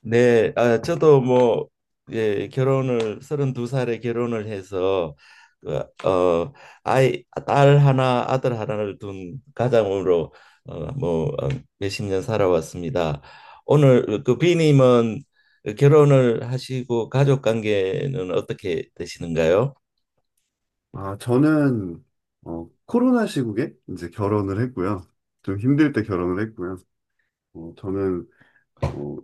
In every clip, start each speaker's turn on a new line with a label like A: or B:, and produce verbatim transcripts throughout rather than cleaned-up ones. A: 네, 아, 저도 뭐, 예, 결혼을, 서른두 살에 결혼을 해서, 그, 어, 아이, 딸 하나, 아들 하나를 둔 가장으로, 어, 뭐, 어, 몇십 년 살아왔습니다. 오늘 그 비님은 결혼을 하시고 가족 관계는 어떻게 되시는가요?
B: 아, 저는 어, 코로나 시국에 이제 결혼을 했고요. 좀 힘들 때 결혼을 했고요. 어, 저는 어,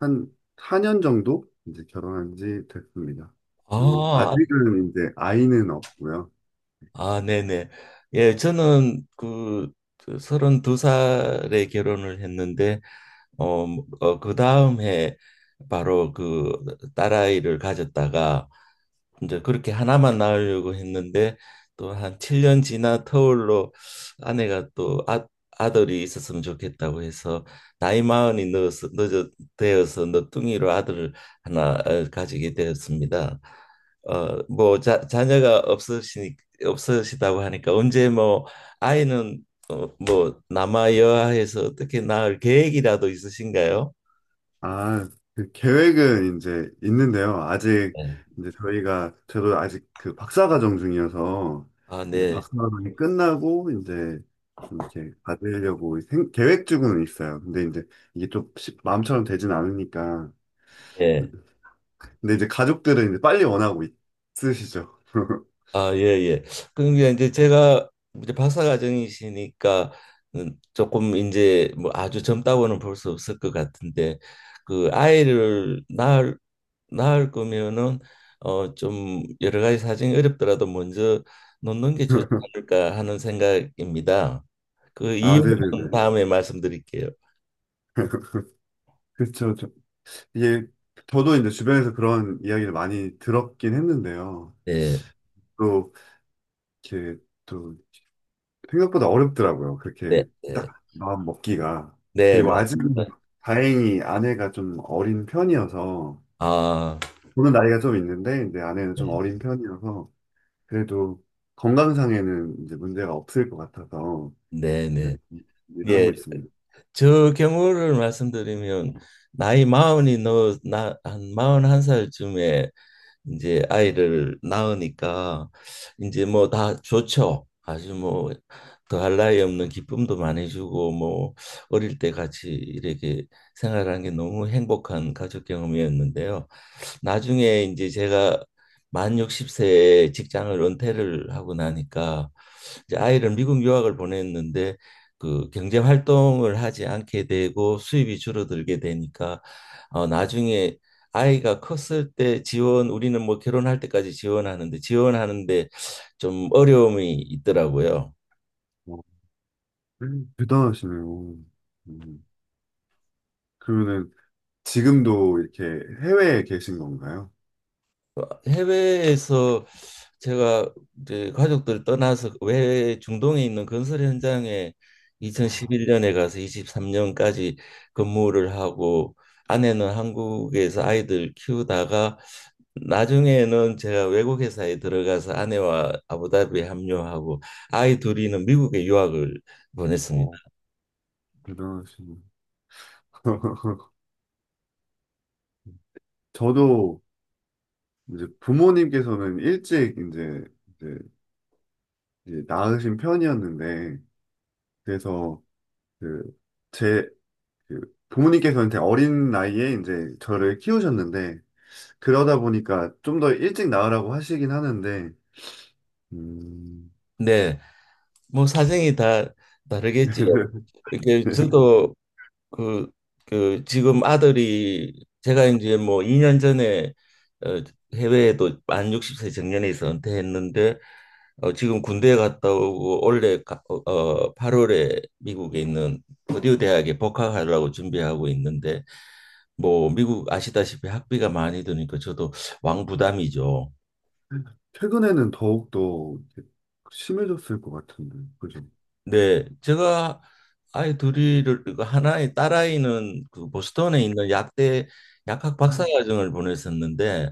B: 한 사 년 정도 이제 결혼한 지 됐습니다. 그리고
A: 아,
B: 아직은 이제 아이는 없고요.
A: 아, 네네. 예, 저는 그 서른두 살에 결혼을 했는데, 어, 뭐, 어, 그 다음 해 바로 그 딸아이를 가졌다가 이제 그렇게 하나만 낳으려고 했는데 또 한 칠 년 지나 터울로 아내가 또 아, 아들이 있었으면 좋겠다고 해서 나이 마흔이 넣어서 늦어 되어서 너뚱이로 아들을 하나 어, 가지게 되었습니다. 어, 뭐 자, 자녀가 없으시니 없으시다고 하니까 언제 뭐 아이는 어, 뭐 남아 여아해서 어떻게 낳을 계획이라도 있으신가요?
B: 아, 그 계획은 이제 있는데요. 아직
A: 네.
B: 이제 저희가 저도 아직 그 박사 과정 중이어서
A: 아,
B: 이제
A: 네.
B: 박사 과정이 끝나고 이제 이렇게 받으려고 생- 계획 중은 있어요. 근데 이제 이게 좀 쉽- 마음처럼 되진 않으니까.
A: 예.
B: 근데 이제 가족들은 이제 빨리 원하고 있으시죠.
A: 아, 예, 예. 그러니까 이제 제가 이제 박사과정이시니까 조금 이제 뭐 아주 젊다고는 볼 수 없을 것 같은데 그 아이를 낳을 낳을 거면은 어 좀 여러 가지 사정이 어렵더라도 먼저 놓는 게 좋지 않을까 하는 생각입니다. 그
B: 아,
A: 이유는
B: 네네네.
A: 다음에 말씀드릴게요.
B: 그렇죠. 이게 저도 이제 주변에서 그런 이야기를 많이 들었긴 했는데요.
A: 네,
B: 또 이렇게 또 생각보다 어렵더라고요.
A: 네,
B: 그렇게
A: 네,
B: 딱 마음 먹기가.
A: 네,
B: 그리고 아직은
A: 맞습니다.
B: 다행히 아내가 좀 어린 편이어서,
A: 아,
B: 저는 나이가 좀 있는데, 이제 아내는 좀
A: 네,
B: 어린 편이어서, 그래도 건강상에는 이제 문제가 없을 것 같아서,
A: 네,
B: 이렇게
A: 네.
B: 일을
A: 예.
B: 하고 있습니다.
A: 저 경우를 말씀드리면 나이 마흔이 너나한 마흔한 살쯤에 이제 아이를 낳으니까 이제 뭐 다 좋죠. 아주 뭐 더할 나위 없는 기쁨도 많이 주고 뭐 어릴 때 같이 이렇게 생활한 게 너무 행복한 가족 경험이었는데요. 나중에 이제 제가 만 육십 세에 직장을 은퇴를 하고 나니까 이제 아이를 미국 유학을 보냈는데 그 경제 활동을 하지 않게 되고 수입이 줄어들게 되니까 어 나중에 아이가 컸을 때 지원 우리는 뭐 결혼할 때까지 지원하는데 지원하는데 좀 어려움이 있더라고요.
B: 어, 음, 대단하시네요. 음, 그러면은 지금도 이렇게 해외에 계신 건가요?
A: 해외에서 제가 이제 가족들 떠나서 외 중동에 있는 건설 현장에
B: 아,
A: 이천십일 년에 가서 이십삼 년까지 근무를 하고 아내는 한국에서 아이들 키우다가 나중에는 제가 외국 회사에 들어가서 아내와 아부다비에 합류하고 아이 둘이는 미국에 유학을 보냈습니다.
B: 어, 대단하시네요. 저도 이제 부모님께서는 일찍 이제 이제 이제 낳으신 편이었는데, 그래서 그, 제, 그 부모님께서는 되게 어린 나이에 이제 저를 키우셨는데, 그러다 보니까 좀 더 일찍 낳으라고 하시긴 하는데, 음,
A: 네, 뭐 사정이 다 다르겠지요. 이게 저도 그, 그 지금 아들이 제가 이제 뭐 이 년 전에 어, 해외에도 만 육십 세 정년에서 은퇴했는데 어, 지금 군대에 갔다 오고 올해 가- 어, 팔월에 미국에 있는 버디우 대학에 복학하려고 준비하고 있는데 뭐 미국 아시다시피 학비가 많이 드니까 저도 왕부담이죠.
B: 최근에는 더욱더 심해졌을 것 같은데, 그죠?
A: 네, 제가 아이 둘이를 그 하나의 딸아이는 그 보스턴에 있는 약대 약학 박사과정을 보냈었는데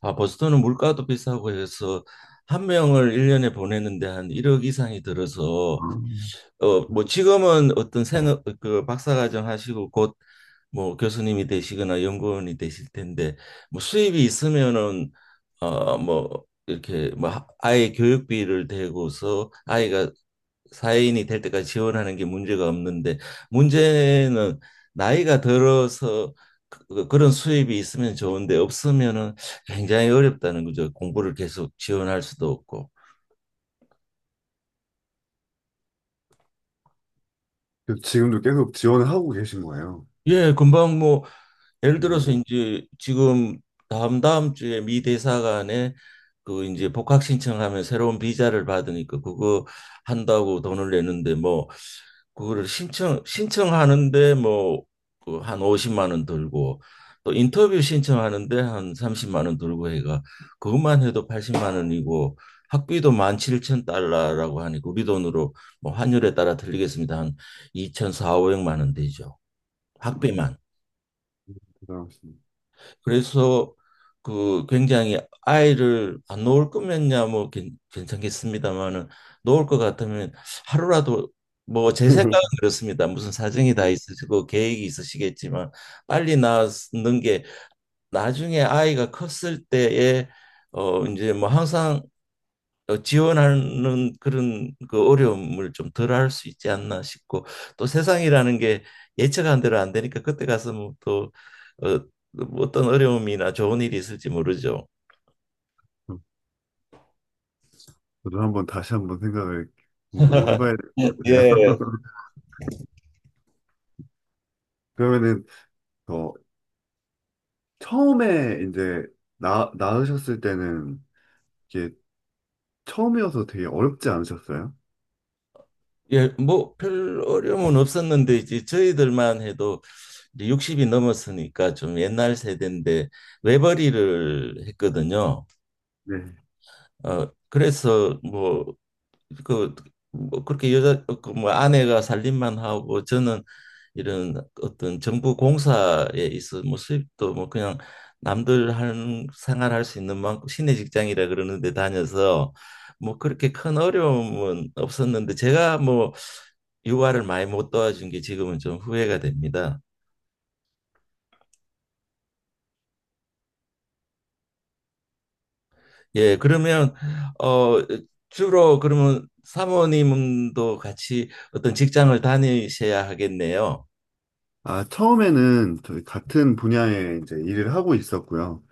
A: 아 보스턴은 물가도 비싸고 해서 한 명을 일년에 보내는데 한 일억 이상이 들어서
B: 아.
A: 어 뭐 지금은 어떤 생업 그 박사과정 하시고 곧 뭐 교수님이 되시거나 연구원이 되실 텐데 뭐 수입이 있으면은 어 뭐 이렇게 뭐 하- 아이 교육비를 대고서 아이가 사회인이 될 때까지 지원하는 게 문제가 없는데 문제는 나이가 들어서 그- 그, 그런 수입이 있으면 좋은데 없으면은 굉장히 어렵다는 거죠. 공부를 계속 지원할 수도 없고.
B: 그래서 지금도 계속 지원을 하고 계신 거예요.
A: 예, 금방 뭐 예를 들어서
B: 뭐,
A: 이제 지금 다음 다음 주에 미 대사관에 그 이제 복학 신청하면 새로운 비자를 받으니까 그거 한다고 돈을 내는데 뭐 그거를 신청 신청하는데 뭐한 오십만 원 들고 또 인터뷰 신청하는데 한 삼십만 원 들고 해가 그것만 해도 팔십만 원이고 학비도 만 칠천 달러라고 하니까 우리 돈으로 뭐 환율에 따라 틀리겠습니다. 한 이 사사영 오백만 원 되죠. 학비만.
B: 대단하십니다.
A: 그래서 그 굉장히 아이를 안 놓을 거면야 뭐 괜- 괜찮겠습니다만은 놓을 것 같으면 하루라도 뭐 제 생각은 그렇습니다. 무슨 사정이 다 있으시고 계획이 있으시겠지만 빨리 낳는 게 나중에 아이가 컸을 때에 어 이제 뭐 항상 어, 지원하는 그런 그 어려움을 좀 덜할 수 있지 않나 싶고 또 세상이라는 게 예측한 대로 안 되니까 그때 가서 뭐또 어, 뭐 어떤 어려움이나 좋은 일이 있을지 모르죠.
B: 저도 한번 다시 한번 생각을 궁금히 해봐야 될 것 같아요.
A: 예.
B: 그러면은 더 처음에 이제 나, 낳으셨을 때는 이게 처음이어서 되게 어렵지 않으셨어요?
A: 예, 뭐 별 어려움은 없었는데 이제 저희들만 해도 이제 육십이 넘었으니까 좀 옛날 세대인데 외벌이를 했거든요.
B: 네.
A: 어 그래서 뭐 그, 뭐 그렇게 여자, 그, 뭐, 아내가 살림만 하고 저는 이런 어떤 정부 공사에 있어 뭐 수입도 뭐 그냥 남들 하는 생활할 수 있는 만큼 시내 직장이라 그러는데 다녀서 뭐 그렇게 큰 어려움은 없었는데 제가 뭐 육아를 많이 못 도와준 게 지금은 좀 후회가 됩니다. 예, 그러면 어 주로 그러면 사모님도 같이 어떤 직장을 다니셔야 하겠네요.
B: 아, 처음에는 저희 같은 분야에 이제 일을 하고 있었고요.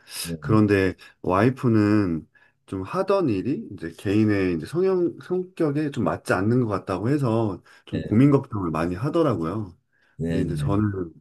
B: 그런데 와이프는 좀 하던 일이 이제 개인의 이제 성형, 성격에 좀 맞지 않는 것 같다고 해서
A: 네.
B: 좀 고민 걱정을 많이 하더라고요. 근데 이제
A: 네네.
B: 저는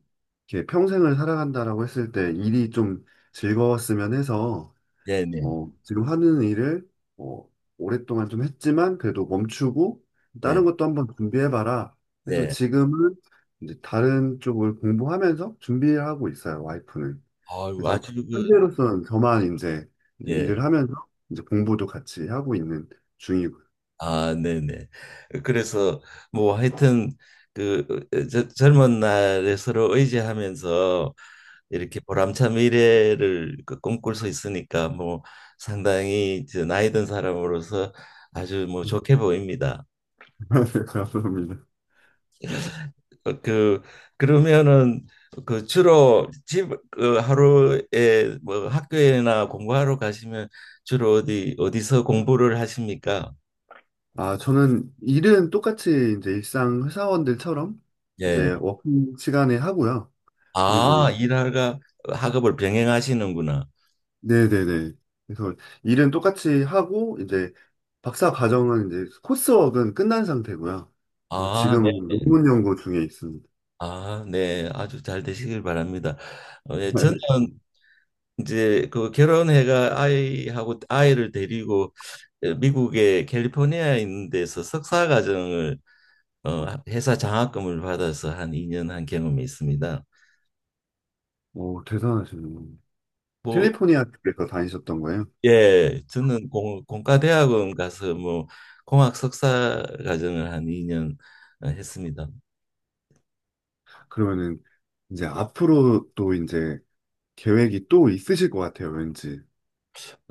B: 이렇게 평생을 살아간다라고 했을 때 일이 좀 즐거웠으면 해서
A: 네네.
B: 어, 지금 하는 일을 어, 오랫동안 좀 했지만 그래도 멈추고
A: 네.
B: 다른 것도 한번 준비해봐라. 그래서
A: 네.
B: 지금은 이제 다른 쪽을 공부하면서 준비를 하고 있어요, 와이프는.
A: 아유,
B: 그래서
A: 아주 그
B: 현재로서는 저만 이제 이제
A: 예.
B: 일을 하면서 이제 공부도 같이 하고 있는 중이고요.
A: 아, 네네. 그래서 뭐 하여튼 그 어, 저, 젊은 날에 서로 의지하면서
B: 음.
A: 이렇게 보람찬 미래를 그 꿈꿀 수 있으니까 뭐 상당히 이제 나이 든 사람으로서 아주 뭐 좋게 보입니다.
B: 감사합니다. 음.
A: 그 그러면은 그 주로 집 그 하루에 뭐 학교에나 공부하러 가시면 주로 어디 어디서 공부를 하십니까?
B: 아, 저는 일은 똑같이 이제 일상 회사원들처럼
A: 예.
B: 이제 워킹 시간에 하고요.
A: 아,
B: 그리고
A: 일하가 학업을 병행하시는구나.
B: 네네네. 그래서 일은 똑같이 하고, 이제 박사 과정은 이제 코스웍은 끝난 상태고요. 그래서
A: 아, 네.
B: 지금은 논문 연구 중에 있습니다.
A: 아, 네. 아주 잘 되시길 바랍니다. 어, 예, 저는 이제 그 결혼해가 아이하고 아이를 데리고 미국의 캘리포니아에 있는 데서 석사 과정을 어, 회사 장학금을 받아서 한 이 년 한 경험이 있습니다.
B: 오, 대단하시네요.
A: 뭐,
B: 캘리포니아 쪽에서 다니셨던 거예요?
A: 예, 저는 공, 공과대학원 가서 뭐 공학 석사 과정을 한 이 년 어, 했습니다.
B: 그러면은 이제 앞으로 또 이제 계획이 또 있으실 것 같아요, 왠지.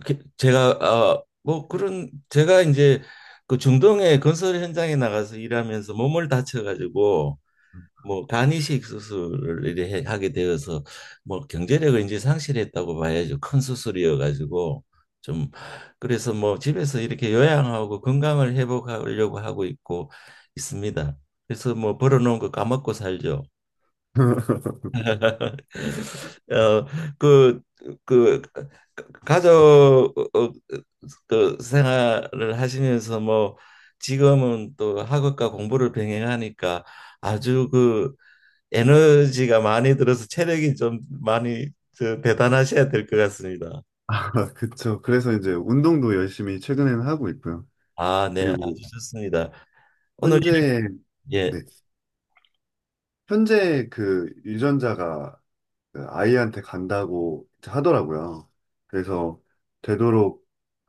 A: 그- 제가 아, 뭐 그런 제가 이제 그 중동의 건설 현장에 나가서 일하면서 몸을 다쳐가지고 뭐 간이식 수술을 이래 해- 하게 되어서 뭐 경제력을 이제 상실했다고 봐야죠. 큰 수술이어 가지고 좀 그래서 뭐 집에서 이렇게 요양하고 건강을 회복하려고 하고 있고 있습니다. 그래서 뭐 벌어놓은 거 까먹고 살죠. 어, 그, 그 가족 어, 어, 그 생활을 하시면서 뭐 지금은 또 학업과 공부를 병행하니까 아주 그 에너지가 많이 들어서 체력이 좀 많이 저, 대단하셔야 될 것 같습니다.
B: 아, 그쵸. 그래서 이제 운동도 열심히 최근에는 하고 있고요.
A: 아, 네,
B: 그리고
A: 아주 좋습니다. 오늘
B: 현재,
A: 이- 예.
B: 네, 현재 그 유전자가 그 아이한테 간다고 하더라고요. 그래서 되도록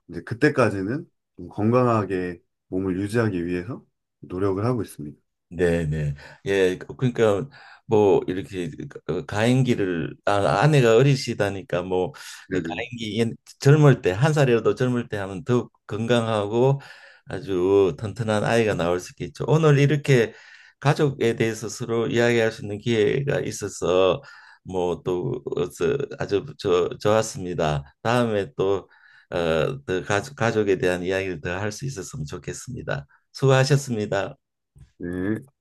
B: 이제 그때까지는 좀 건강하게 몸을 유지하기 위해서 노력을 하고 있습니다.
A: 네네. 예, 그- 그러니까 뭐 이렇게 그 가임기를 아, 아내가 어리시다니까 뭐
B: 네네.
A: 가임기 옛- 젊을 때 한 살이라도 젊을 때 하면 더욱 건강하고 아주 튼튼한 아이가 나올 수 있겠죠. 오늘 이렇게 가족에 대해서 서로 이야기할 수 있는 기회가 있어서 뭐 또 아주 저, 좋았습니다. 다음에 또 어, 더 가족, 가족에 대한 이야기를 더 할 수 있었으면 좋겠습니다. 수고하셨습니다.
B: 네.